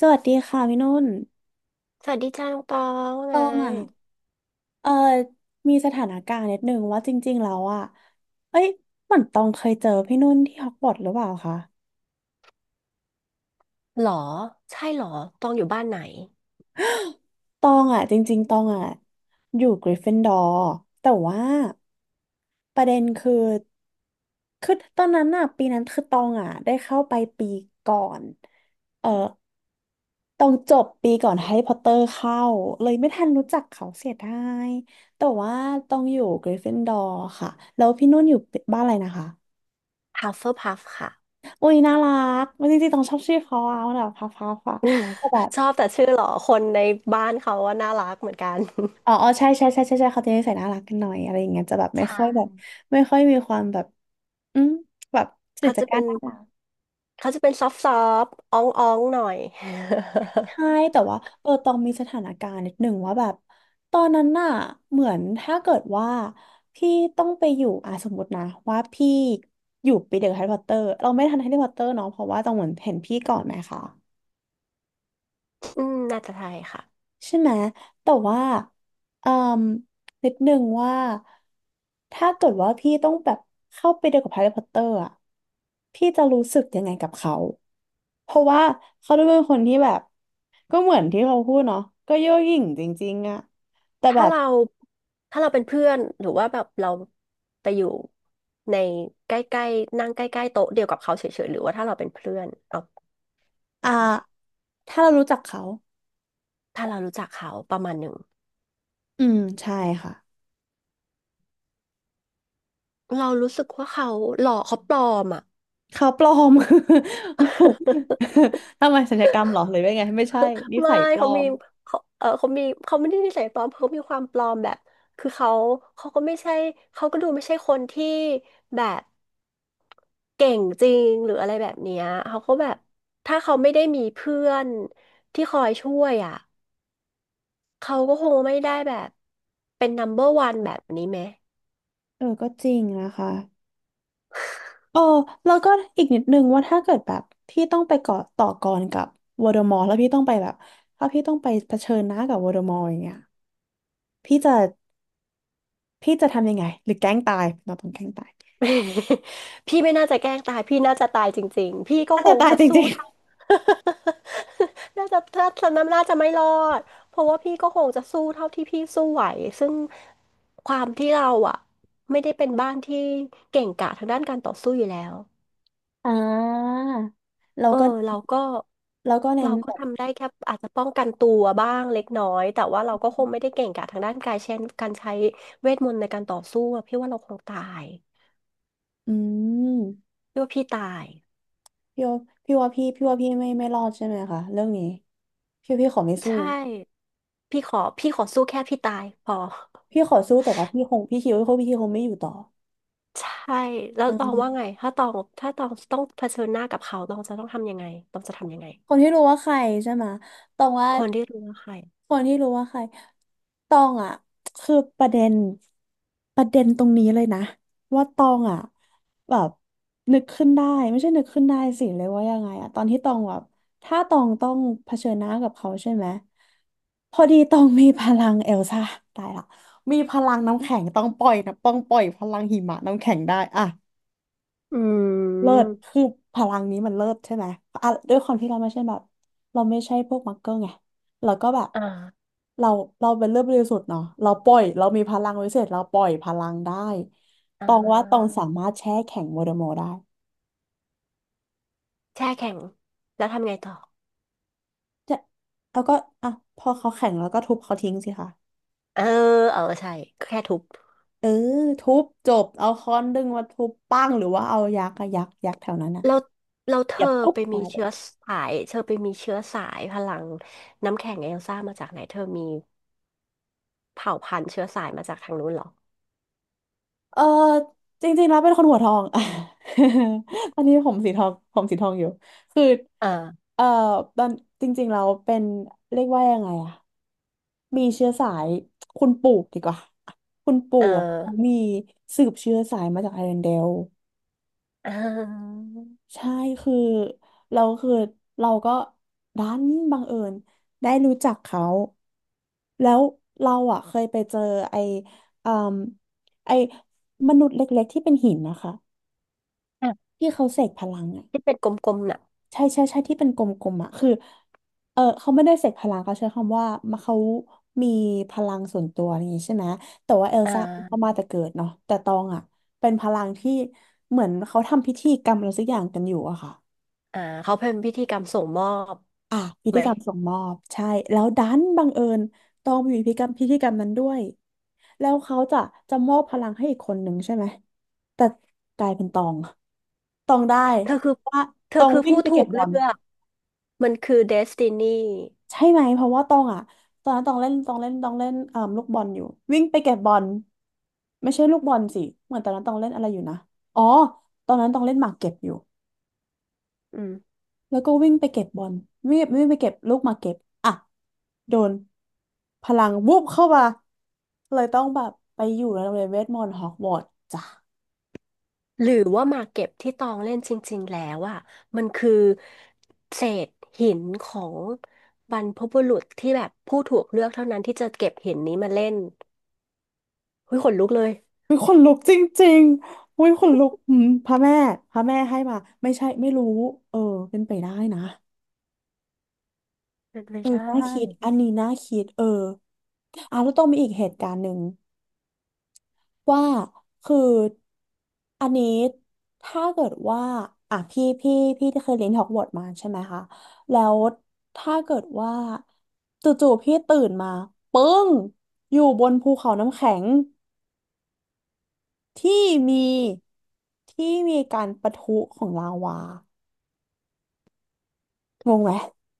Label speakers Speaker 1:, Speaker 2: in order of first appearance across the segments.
Speaker 1: สวัสดีค่ะพี่นุ่น
Speaker 2: สวัสดีจ้าน้องตองว่า
Speaker 1: ต
Speaker 2: ไง
Speaker 1: องอ่ะ เออมีสถานการณ์นิดนึงว่าจริงๆแล้วอ่ะ เอ้ยเหมือนตองเคยเจอพี่นุ่นที่ฮอกวอตส์หรือเปล่าคะ
Speaker 2: หรอใช่หรอตองอยู่บ้านไหน
Speaker 1: ตองอ่ะจริงๆตองอ่ะอยู่กริฟฟินดอร์แต่ว่าประเด็นคือ คือตอนนั้นอ่ะปีนั้นคือตองอ่ะได้เข้าไปปีก่อน เออ ต้องจบปีก่อนแฮร์รี่พอตเตอร์เข้าเลยไม่ทันรู้จักเขาเสียดายแต่ว่าต้องอยู่กริฟฟินดอร์ค่ะแล้วพี่นุ่นอยู่บ้านอะไรนะคะ
Speaker 2: h ัฟเฟอร์พัฟค่ะ
Speaker 1: อุ้ยน่ารักไม่จริงๆต้องชอบชื่อเขาเอาแบบพัฟพัฟอะก็แบบ
Speaker 2: ชอบแต่ชื่อหรอคนในบ้านเขาว่าน่ารักเหมือนกัน
Speaker 1: อ๋ออ๋อใช่ใช่ใช่ใช่ใช่เขาจะนิสัยน่ารักกันหน่อยอะไรอย่างเงี้ยจะแบบ
Speaker 2: ใช
Speaker 1: ไม่ค่อยแบบ
Speaker 2: ่
Speaker 1: ไม่ค่อยมีความแบบอืมแบบสื่อ
Speaker 2: เขา
Speaker 1: จา
Speaker 2: จะ
Speaker 1: กกา
Speaker 2: เป็
Speaker 1: ร
Speaker 2: น
Speaker 1: น่ารัก
Speaker 2: เขาจะเป็นซอฟซอฟอ้องอ้องๆหน่อย
Speaker 1: ใช่แต่ว่าตองมีสถานการณ์นิดหนึ่งว่าแบบตอนนั้นน่ะเหมือนถ้าเกิดว่าพี่ต้องไปอยู่อ่ะสมมตินะว่าพี่อยู่ปีเดียวกับแฮร์รี่พอตเตอร์เราไม่ทันแฮร์รี่พอตเตอร์เนาะเพราะว่าตองเหมือนเห็นพี่ก่อนไหมคะ
Speaker 2: อืมน่าจะไทยค่ะ
Speaker 1: ใช่ไหม แต่ว่าเอ่มนิดนึงว่า ถ้าเกิดว่าพี่ต้องแบบเข้าไปเดียวกับแฮร์รี่พอตเตอร์อ่ะพี่จะรู้สึกยังไงกับเขา เพราะว่าเขาดูเป็นคนที่แบบ ก็เหมือนที่เขาพูดเนาะก็เย่อหยิ่งจริงๆอ่ะแต่แบ
Speaker 2: ถ้า
Speaker 1: บ
Speaker 2: เราถ้าเราเป็นเพื่อนหรือว่าแบบเราไปอยู่ในใกล้ๆนั่งใกล้ๆโต๊ะเดียวกับเขาเฉยๆหรือว่าถ้าเราเป็นเพื่อนเอาแบ
Speaker 1: อ่า
Speaker 2: บไหน
Speaker 1: ถ้าเรารู้จักเขา
Speaker 2: ถ้าเรารู้จักเขาประมาณหนึ่ง
Speaker 1: อืม ใช่ค่ะ
Speaker 2: เรารู้สึกว่าเขาหล่อเขาปลอมอ่ะ
Speaker 1: เขาปลอม ทำไมสัญญกรรมเหรอ หรือว่าไงไม่ใช่นิ
Speaker 2: ไม่
Speaker 1: สัยปลอ
Speaker 2: เขามี
Speaker 1: ม
Speaker 2: เขาเขามีเขาไม่ได้นิสัยปลอมเขามีความปลอมแบบคือเขาเขาก็ไม่ใช่เขาก็ดูไม่ใช่คนที่แบบเก่งจริงหรืออะไรแบบเนี้ยเขาก็แบบถ้าเขาไม่ได้มีเพื่อนที่คอยช่วยอ่ะเขาก็คงไม่ได้แบบเป็นนัมเบอร r o ันแบบนี้ไหม
Speaker 1: ก็จริงนะคะ เออแล้วก็อีกนิดนึงว่าถ้าเกิดแบบพี่ต้องไปเกาะต่อกรกับวโดมอร์แล้วพี่ต้องไปแบบถ้าพี่ต้องไปเผชิญหน้ากับวโดมอร์อย่างเงี้ยพี่จะพี่จะทำยังไงหรือแกล้งตายเราต้องแกล้งตาย
Speaker 2: พี่ไม่น่าจะแกล้งตาย พี่น่าจะตายจริงๆ พี่ก็
Speaker 1: อาจ
Speaker 2: ค
Speaker 1: จะ
Speaker 2: ง
Speaker 1: ตาย
Speaker 2: จะ
Speaker 1: จ
Speaker 2: สู้
Speaker 1: ริง
Speaker 2: เท่า น่าจะถ้าฉะน้ำน่าจะไม่รอดเพราะว่าพี่ก็คงจะสู้เท่าที่พี่สู้ไหวซึ่งความที่เราอ่ะไม่ได้เป็นบ้านที่เก่งกาจทางด้านการต่อสู้อยู่แล้ว
Speaker 1: ๆอ่าเรา
Speaker 2: เอ
Speaker 1: ก็
Speaker 2: อเราก็
Speaker 1: เราก็เน้น
Speaker 2: เราก็
Speaker 1: แบบ
Speaker 2: ทำได้แค่อาจจะป้องกันตัวบ้างเล็กน้อยแต่ว่าเราก็คงไม่ได้เก่งกาจทางด้านกายเช่นการใช้เวทมนต์ในการต่อสู้อะพี่ว่าเราคงตาย
Speaker 1: อืม
Speaker 2: พี่ว่าพี่ตาย
Speaker 1: พี่ว่าพี่ว่าพี่ว่าพี่ไม่ไม่รอดใช่ไหมคะเรื่องนี้พี่ขอไม่สู้
Speaker 2: ใช่ พี่ขอสู้แค่พี่ตายพอ
Speaker 1: พี่ขอสู้แต่ว่าพี่คงพี่คิดว่าพี่คงไม่อยู่ต่อ
Speaker 2: ใช่แล้วตองว่าไงถ้าตองต้องเผชิญหน้ากับเขาตองจะต้องทำยังไงตองจะทำยังไง
Speaker 1: คนที่รู้ว่าใครใช่ไหมตองว่า
Speaker 2: คนที่รู้ว่าใคร
Speaker 1: คนที่รู้ว่าใครตองอ่ะคือประเด็นตรงนี้เลยนะว่าตองอ่ะแบบนึกขึ้นได้ไม่ใช่นึกขึ้นได้สิเลยว่ายังไงอ่ะตอนที่ตองแบบถ้าตองต้องเผชิญหน้ากับเขาใช่ไหมพอดีตองมีพลังเอลซ่าตายละมีพลังน้ำแข็งต้องปล่อยนะต้องปล่อยพลังหิมะน้ำแข็งได้อ่ะ
Speaker 2: อื
Speaker 1: เลิศ
Speaker 2: ม
Speaker 1: คือพลังนี้มันเลิศใช่ไหมอ่ะด้วยความที่เราไม่ใช่แบบเราไม่ใช่พวกมักเกอร์ไงเราก็แบบ
Speaker 2: อ่า
Speaker 1: เราเราเป็นเลือดบริสุทธิ์เนาะเราปล่อยเรามีพลังวิเศษเราปล่อยพลังได้
Speaker 2: อ่
Speaker 1: ตองว่าตอง
Speaker 2: า
Speaker 1: สามารถแช่แข็งโมเดโมอร์ได้
Speaker 2: แช่แข็งแล้วทำไงต่อ
Speaker 1: จะแล้วก็อ่ะพอเขาแข็งแล้วก็ทุบเขาทิ้งสิคะ
Speaker 2: เออเออใช่แค่ทุบ
Speaker 1: เออทุบจบเอาค้อนดึงมาทุบปั้งหรือว่าเอายักษ์อะยักษ์ยักษ์แถวนั้นอะ
Speaker 2: แล้วแล้วเธ
Speaker 1: เหยีย
Speaker 2: อ
Speaker 1: บปุ๊บตายเลย
Speaker 2: เธอไปมีเชื้อสายพลังน้ำแข็งเอลซ่ามาจากไหนเธอมีเผ่าพันธุ์เชื้อสายมาจากทางนู้นเหรอ
Speaker 1: อจริงๆแล้วเป็นคนหัวทอง ตอนนี้ผมสีทองผมสีทองอยู่คือ
Speaker 2: เออ
Speaker 1: เออตอนจริงๆเราเป็นเรียกว่ายังไงอะมีเชื้อสายคุณปู่ดีกว่าคุณปู่
Speaker 2: เออ
Speaker 1: อะเขามีสืบเชื้อสายมาจากไอร์แลนด์เดล
Speaker 2: เออ
Speaker 1: ใช่คือเราคือเราก็ดันบังเอิญได้รู้จักเขาแล้วเราอ่ะเคยไปเจอไออืมไอมนุษย์เล็กๆที่เป็นหินนะคะ
Speaker 2: อ่ะ
Speaker 1: ที่เขาเสกพลังอ่ะ
Speaker 2: ที่เป็นกลมๆน่ะ
Speaker 1: ใช่ใช่ใช่ที่เป็นกลมๆอ่ะคือเขาไม่ได้เสกพลังเขาใช้คำว่ามาเขามีพลังส่วนตัวอะไรอย่างนี้ใช่ไหมแต่ว่าเอล
Speaker 2: อ่
Speaker 1: ซ่าเขา
Speaker 2: า
Speaker 1: มาแต่เกิดเนาะแต่ตองอ่ะเป็นพลังที่เหมือนเขาทำพิธีกรรมอะไรสักอย่างกันอยู่อะค่ะ
Speaker 2: อ่าเขาเป็นพิธีกรรมส่งมอบ
Speaker 1: อ่ะพิ
Speaker 2: ไหม
Speaker 1: ธีกรรมส่งมอบใช่แล้วดันบังเอิญตองอยู่พิธีกรรมนั้นด้วยแล้วเขาจะจะมอบพลังให้อีกคนหนึ่งใช่ไหมแต่กลายเป็นตองตองได้
Speaker 2: เธอคือ
Speaker 1: เพราะว่า
Speaker 2: เธ
Speaker 1: ต
Speaker 2: อ
Speaker 1: อง
Speaker 2: คือ
Speaker 1: วิ่ง
Speaker 2: ผู้
Speaker 1: ไป
Speaker 2: ถู
Speaker 1: เก็บ
Speaker 2: ก
Speaker 1: บอ
Speaker 2: เลื
Speaker 1: ล
Speaker 2: อกมันคือเดสตินี
Speaker 1: ใช่ไหมเพราะว่าตองอ่ะตอนนั้นตองเล่นเอ่มลูกบอลอยู่วิ่งไปเก็บบอลไม่ใช่ลูกบอลสิเหมือนตอนนั้นตองเล่นอะไรอยู่นะอ๋อตอนนั้นตองเล่นหมากเก็บอยู่
Speaker 2: อืม
Speaker 1: แล้วก็วิ่งไปเก็บบอลวิ่งวิ่งไปเก็บลูกหมากเก็บอ่ะโดนพลังวูบเข้ามาเลยต้องแบบไปอยู่ในโรงเรียนเวทมนต์ฮอกวอตส์จ้ะ
Speaker 2: หรือว่าหมากเก็บที่ตองเล่นจริงๆแล้วอ่ะมันคือเศษหินของบรรพบุรุษที่แบบผู้ถูกเลือกเท่านั้นที่จะเก็บหินนี้มาเล่นเฮ้ยขนลุกเลย
Speaker 1: วิคนลุกจริงๆวิคนลุกพระแม่พระแม่ให้มาไม่ใช่ไม่รู้เออเป็นไปได้นะ
Speaker 2: เป็นไป
Speaker 1: เออ
Speaker 2: ได้
Speaker 1: น่าคิดอันนี้น่าคิดเอออ่ะแล้วต้องมีอีกเหตุการณ์หนึ่งว่าคืออันนี้ถ้าเกิดว่าอ่ะพี่พี่ที่เคยเรียนฮอกวอตส์มาใช่ไหมคะแล้วถ้าเกิดว่าจู่ๆพี่ตื่นมาปึ้งอยู่บนภูเขาน้ำแข็งที่มีที่มีการปะทุของลาวางงไหม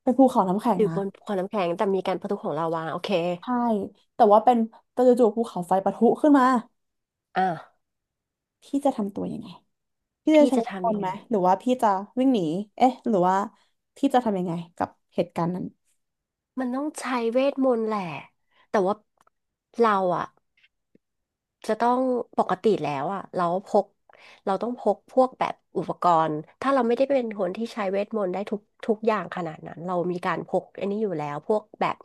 Speaker 1: เป็นภูเขาน้ำแข็ง
Speaker 2: หรือ
Speaker 1: นะ
Speaker 2: บนขวดน้ำแข็งแต่มีการประทุของลาวาโอเค
Speaker 1: ใช่แต่ว่าเป็นแต่จู่ๆภูเขาไฟปะทุขึ้นมา
Speaker 2: อ่ะ
Speaker 1: พี่จะทำตัวยังไงพี่จะ
Speaker 2: พี่
Speaker 1: ใช้
Speaker 2: จะ
Speaker 1: เวทมอ
Speaker 2: ทำ
Speaker 1: ดทน
Speaker 2: ยั
Speaker 1: ต์
Speaker 2: ง
Speaker 1: ไหม
Speaker 2: ไง
Speaker 1: หรือว่าพี่จะวิ่งหนีเอ๊ะหรือว่าพี่จะทำยังไงกับเหตุการณ์นั้น
Speaker 2: มันต้องใช้เวทมนต์แหละแต่ว่าเราอะ จะต้องปกติแล้วอ่ะเราพกเราต้องพกพวกแบบอุปกรณ์ถ้าเราไม่ได้เป็นคนที่ใช้เวทมนต์ได้ทุกอย่างขนาดนั้นเรามีการพกอันนี้อยู่แล้วพวกแบบ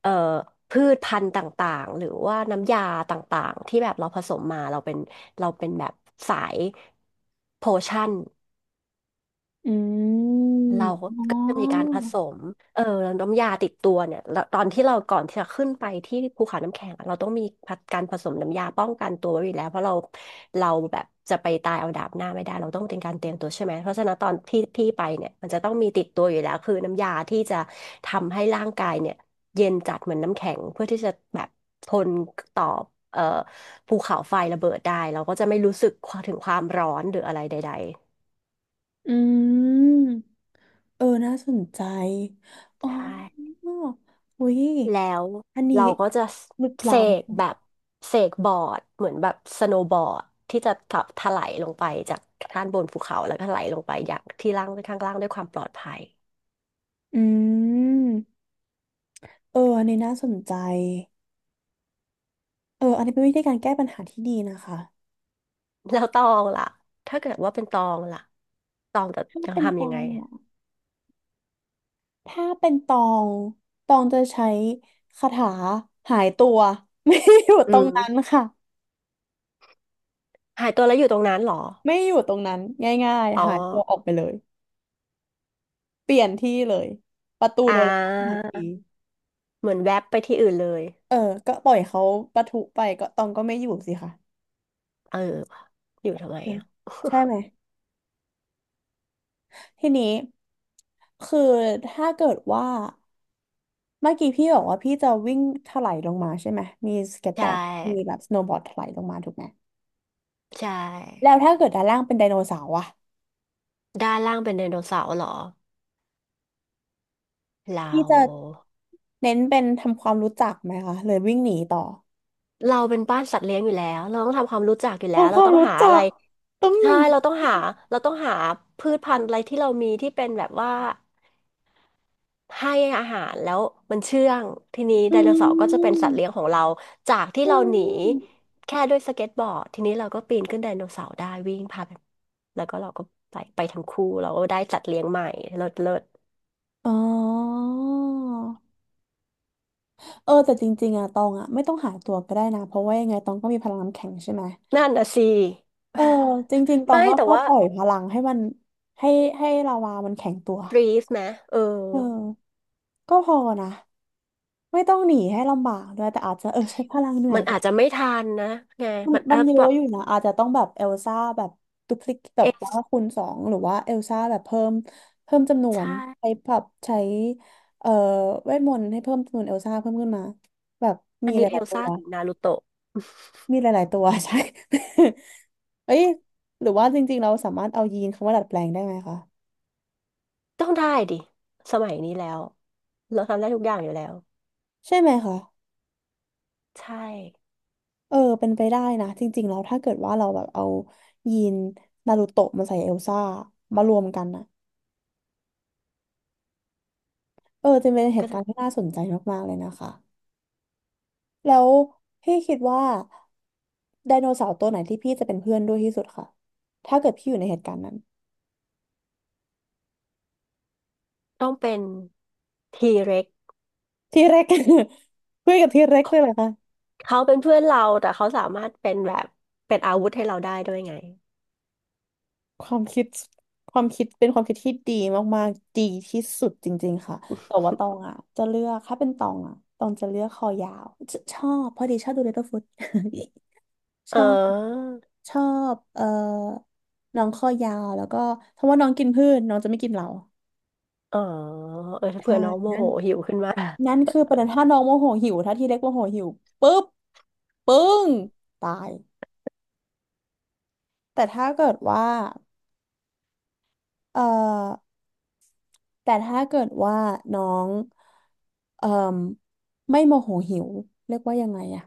Speaker 2: เอ่อพืชพันธุ์ต่างๆหรือว่าน้ำยาต่างๆที่แบบเราผสมมาเราเป็นแบบสายโพชั่น
Speaker 1: อืม
Speaker 2: เรา
Speaker 1: อ๋อ
Speaker 2: ก็จะมีการผสมเออน้ำยาติดตัวเนี่ยแล้วตอนที่เราก่อนที่จะขึ้นไปที่ภูเขาน้ำแข็งอะเราต้องมีการผสมน้ำยาป้องกันตัวไว้อยู่แล้วเพราะเราแบบจะไปตายเอาดาบหน้าไม่ได้เราต้องเป็นการเตรียมตัวใช่ไหมเพราะฉะนั้นตอนที่พี่ไปเนี่ยมันจะต้องมีติดตัวอยู่แล้วคือน้ำยาที่จะทำให้ร่างกายเนี่ยเย็นจัดเหมือนน้ำแข็งเพื่อที่จะแบบทนต่อเอ่อภูเขาไฟระเบิดได้เราก็จะไม่รู้สึกถึงความร้อนหรืออะไรใด
Speaker 1: อืมเออน่าสนใจ
Speaker 2: ๆ
Speaker 1: อ๋อ
Speaker 2: ใช่
Speaker 1: อุ้ย
Speaker 2: แล้ว
Speaker 1: อันนี้
Speaker 2: เราก็จะ
Speaker 1: ลึก
Speaker 2: เส
Speaker 1: ล้
Speaker 2: กแบบเสกบอร์ดเหมือนแบบสโนว์บอร์ดที่จะถลายลงไปจากด้านบนภูเขาแล้วก็ถลายลงไปอย่างที่ล่างข้างล่างด้วยความปลอดภัย
Speaker 1: ำอืมเอออันนี้น่าสนใจเอออันนี้เป็นวิธีการแก้ปัญหาที่ดีนะคะ
Speaker 2: แล้วตองล่ะถ้าเกิดว่าเป็นตองล่ะตองจะ
Speaker 1: ถ้า
Speaker 2: ยัง
Speaker 1: เป็นฟ
Speaker 2: ทำยั
Speaker 1: อ
Speaker 2: งไง
Speaker 1: งเหรอ ถ้าเป็นตองตองจะใช้คาถาหายตัว ไม่อยู่
Speaker 2: อื
Speaker 1: ตรงนั้น
Speaker 2: ม
Speaker 1: ค่ะ
Speaker 2: หายตัวแล้วอยู่ตรงนั้นเหรอ
Speaker 1: ไม่อยู่ตรงนั้นง่าย
Speaker 2: อ๋อ
Speaker 1: ๆหายตัวออกไปเลยเปลี่ยนที่เลยประตู
Speaker 2: อ่
Speaker 1: โดนล็อกทัน
Speaker 2: า
Speaker 1: ที
Speaker 2: เหมือนแวบไปที่อื่นเลย
Speaker 1: เออก็ปล่อยเขาประทุไปก็ตองก็ไม่อยู่สิค่ะ
Speaker 2: เอออยู่ทำไม
Speaker 1: เออ
Speaker 2: อ่ะ
Speaker 1: ใช่ไหมทีนี้คือถ้าเกิดว่าเมื่อกี้พี่บอกว่าพี่จะวิ่งถลายลงมาใช่ไหมมีสเก็ตบ
Speaker 2: ใช่
Speaker 1: อร์ดมีแบบสโนว์บอร์ดถลายลงมาถูกไหม
Speaker 2: ใช่
Speaker 1: แล้วถ้าเกิดด้านล่างเป็นไดโนเสาร์อะ
Speaker 2: ด้านล่างเป็นไดโนเสาร์เหรอเรา
Speaker 1: พี่จะเน้นเป็นทำความรู้จักไหมคะเลยวิ่งหนีต่อ
Speaker 2: เราเป็นบ้านสัตว์เลี้ยงอยู่แล้ว เราต้องทำความรู้จักอยู่แล้ว
Speaker 1: ทำค
Speaker 2: เรา
Speaker 1: วาม
Speaker 2: ต้อง
Speaker 1: รู้
Speaker 2: หาอะ
Speaker 1: จั
Speaker 2: ไร
Speaker 1: กต้องอ
Speaker 2: ใช่
Speaker 1: ย่างนี้
Speaker 2: เราต้องหา เราต้องหาพืชพันธุ์อะไรที่เรามีที่เป็นแบบว่าให้อาหารแล้วมันเชื่องทีนี้
Speaker 1: อื
Speaker 2: ไดโนเสาร์ก็จะเป็น
Speaker 1: ม
Speaker 2: สัตว์เลี้ยงของเราจากที่
Speaker 1: อื
Speaker 2: เราหนี
Speaker 1: ม
Speaker 2: แค่ด้วยสเก็ตบอร์ดทีนี้เราก็ปีนขึ้นไดโนเสาร์ได้วิ่งพาไปแล้วก็เราก็ไปไปทั้งคู่เราก็ได้สัตว์เลี้ยงใหม่เลิศเลิศ
Speaker 1: อ๋อเออแต่จริงๆอะตองอะไม่ต้องหาตัวก็ได้นะเพราะว่ายังไงตองก็มีพลังน้ำแข็งใช่ไหม
Speaker 2: นั่นน่ะสิ
Speaker 1: เออจริงๆตอ
Speaker 2: ไม่
Speaker 1: งก็
Speaker 2: แต่
Speaker 1: แค่
Speaker 2: ว่า
Speaker 1: ปล่อยพลังให้มันให้ให้ลาวามันแข็งตัว
Speaker 2: ฟรีฟนะเออ
Speaker 1: เออก็พอนะไม่ต้องหนีให้ลำบากด้วยแต่อาจจะเออใช้พลังเหนื่อ
Speaker 2: มั
Speaker 1: ย
Speaker 2: นอาจจะไม่ทันนะไง
Speaker 1: มัน
Speaker 2: มัน
Speaker 1: มั
Speaker 2: อา
Speaker 1: น
Speaker 2: จ
Speaker 1: เย
Speaker 2: แบ
Speaker 1: อะ
Speaker 2: บ
Speaker 1: อยู่นะอาจจะต้องแบบเอลซ่าแบบดุพลิกแบ
Speaker 2: เอ
Speaker 1: บ
Speaker 2: ล
Speaker 1: ว่าคูณ 2หรือว่าเอลซ่าแบบเพิ่มเพิ่มจำน
Speaker 2: ใ
Speaker 1: วนใช้
Speaker 2: ช่
Speaker 1: แบบใช้เอ่อเวทมนต์ให้เพิ่มจำนวนเอลซ่าเพิ่มขึ้นมาแบบ
Speaker 2: อั
Speaker 1: มี
Speaker 2: น
Speaker 1: ห
Speaker 2: นี้เอ
Speaker 1: ลาย
Speaker 2: ล
Speaker 1: ๆตั
Speaker 2: ซ่า
Speaker 1: ว
Speaker 2: หรือนารูโตะ
Speaker 1: มีหลายๆตัว ใช่ เอ้ยหรือว่าจริงๆเราสามารถเอายีนคำว่าดัดแปลงได้ไหมคะ
Speaker 2: ต้องได้ดิสมัยนี้แล้วเราทำได้ทุกอย่างอยู่แล้ว
Speaker 1: ใช่ไหมคะ
Speaker 2: ใช่
Speaker 1: เออเป็นไปได้นะจริงๆแล้วถ้าเกิดว่าเราแบบเอายีนนารูโตะมาใส่เอลซ่ามารวมกันนะเออจะเป็นเห
Speaker 2: ก็
Speaker 1: ตุ
Speaker 2: จะ
Speaker 1: การณ์ที่น่าสนใจมากๆเลยนะคะ แล้วพี่คิดว่าไดโนเสาร์ตัวไหนที่พี่จะเป็นเพื่อนด้วยที่สุดค่ะถ้าเกิดพี่อยู่ในเหตุการณ์นั้น
Speaker 2: ต้องเป็นทีเร็ก
Speaker 1: ที่เร็ก คุยกับที่เร็กเลยเหรอคะ
Speaker 2: เขาเป็นเพื่อนเราแต่เขาสามารถเป็นแบบเป็นอาวุธให้เราได้ด้วยไง
Speaker 1: ความคิดความคิดเป็นความคิดที่ดีมากๆดีที่สุดจริงๆค่ะแต่ว่าตอง อ่ะจะเลือกถ้าเป็นตองอ่ะตองจะเลือกคอยาวชชอบพอดีชอบดู Littlefoot
Speaker 2: เ
Speaker 1: ชอบ
Speaker 2: ออ
Speaker 1: ชอบน้องคอยาวแล้วก็เพราะว่าน้องกินพืชน้องจะไม่กินเรา
Speaker 2: เออเออถ้า
Speaker 1: ใช่
Speaker 2: เผื่อน้องโม
Speaker 1: นั่
Speaker 2: โห
Speaker 1: น
Speaker 2: หิวขึ้นมา
Speaker 1: นั่น คือประเด็นถ้าน้องโมโหหิวถ้าทีเล็กโมโหหิวปุ๊บปึ้งตายแต่ถ้าเกิดว่าเอ่อแต่ถ้าเกิดว่าน้องเอ่มไม่โมโหหิวเรียกว่ายังไงอะ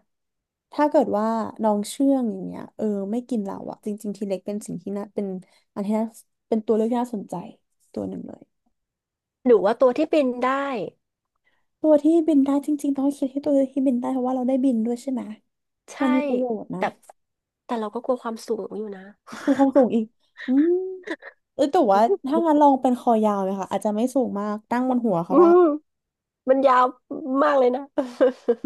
Speaker 1: ถ้าเกิดว่าน้องเชื่องอย่างเงี้ยเออไม่กินเราอะจริงๆทีเล็กเป็นสิ่งที่น่าเป็นอันที่น่าเป็นตัวเลือกที่น่าสนใจตัวหนึ่งเลย
Speaker 2: หรือว่าตัวที่บินได้
Speaker 1: ตัวที่บินได้จริงๆต้องคิดให้ตัวที่บินได้เพราะว่าเราได้บินด้วยใช่ไหมมั
Speaker 2: ใช่
Speaker 1: นมีประโยชน์นะ
Speaker 2: แต่แต่เราก็กลัวความสูงอยู่นะ
Speaker 1: ครูความสูงอีกอืม เออแต่ว่าถ้างั้นลองเป็นคอยาวเลยค่ะอาจจะไม่สูงมากตั้งบนหัว เขา
Speaker 2: อื
Speaker 1: ได้
Speaker 2: มมันยาวมากเลยนะ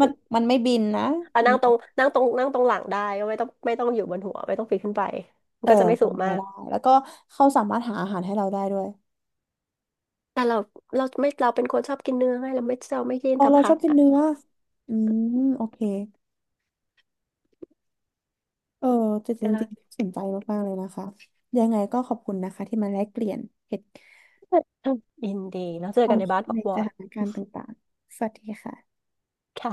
Speaker 1: มั นมันไม่บินนะ
Speaker 2: อ่ะ
Speaker 1: มัน
Speaker 2: นั่งตรงหลังได้ก็ไม่ต้องอยู่บนหัวไม่ต้องปีนขึ้นไปมั
Speaker 1: เอ
Speaker 2: น
Speaker 1: อ
Speaker 2: ก็จะไม่สู
Speaker 1: เป็น
Speaker 2: ง
Speaker 1: ไป
Speaker 2: มาก
Speaker 1: ได้แล้วก็เขาสามารถหาอาหารให้เราได้ด้วย
Speaker 2: แต่เราเราไม่เราเป็นคนชอบกินเนื้อไงเราไม่กิน
Speaker 1: อ๋อ
Speaker 2: แต่
Speaker 1: เรา
Speaker 2: ผั
Speaker 1: ชอบ
Speaker 2: ก
Speaker 1: กิน
Speaker 2: อ่ะ
Speaker 1: เนื้ออืมโอเคเออแต่จ
Speaker 2: เดี๋ยวเรา
Speaker 1: ริงๆสนใจมากๆเลยนะคะยังไงก็ขอบคุณนะคะที่มาแลกเปลี่ยนเหตุ
Speaker 2: อินดีแล้วเจ
Speaker 1: ค
Speaker 2: อ
Speaker 1: วา
Speaker 2: กั
Speaker 1: ม
Speaker 2: นใน
Speaker 1: คิด
Speaker 2: บ้านฮอ
Speaker 1: ใน
Speaker 2: กว
Speaker 1: ส
Speaker 2: อต
Speaker 1: ถาน
Speaker 2: ส์
Speaker 1: การณ์ต่างๆสวัสดีค่ะ
Speaker 2: ค่ะ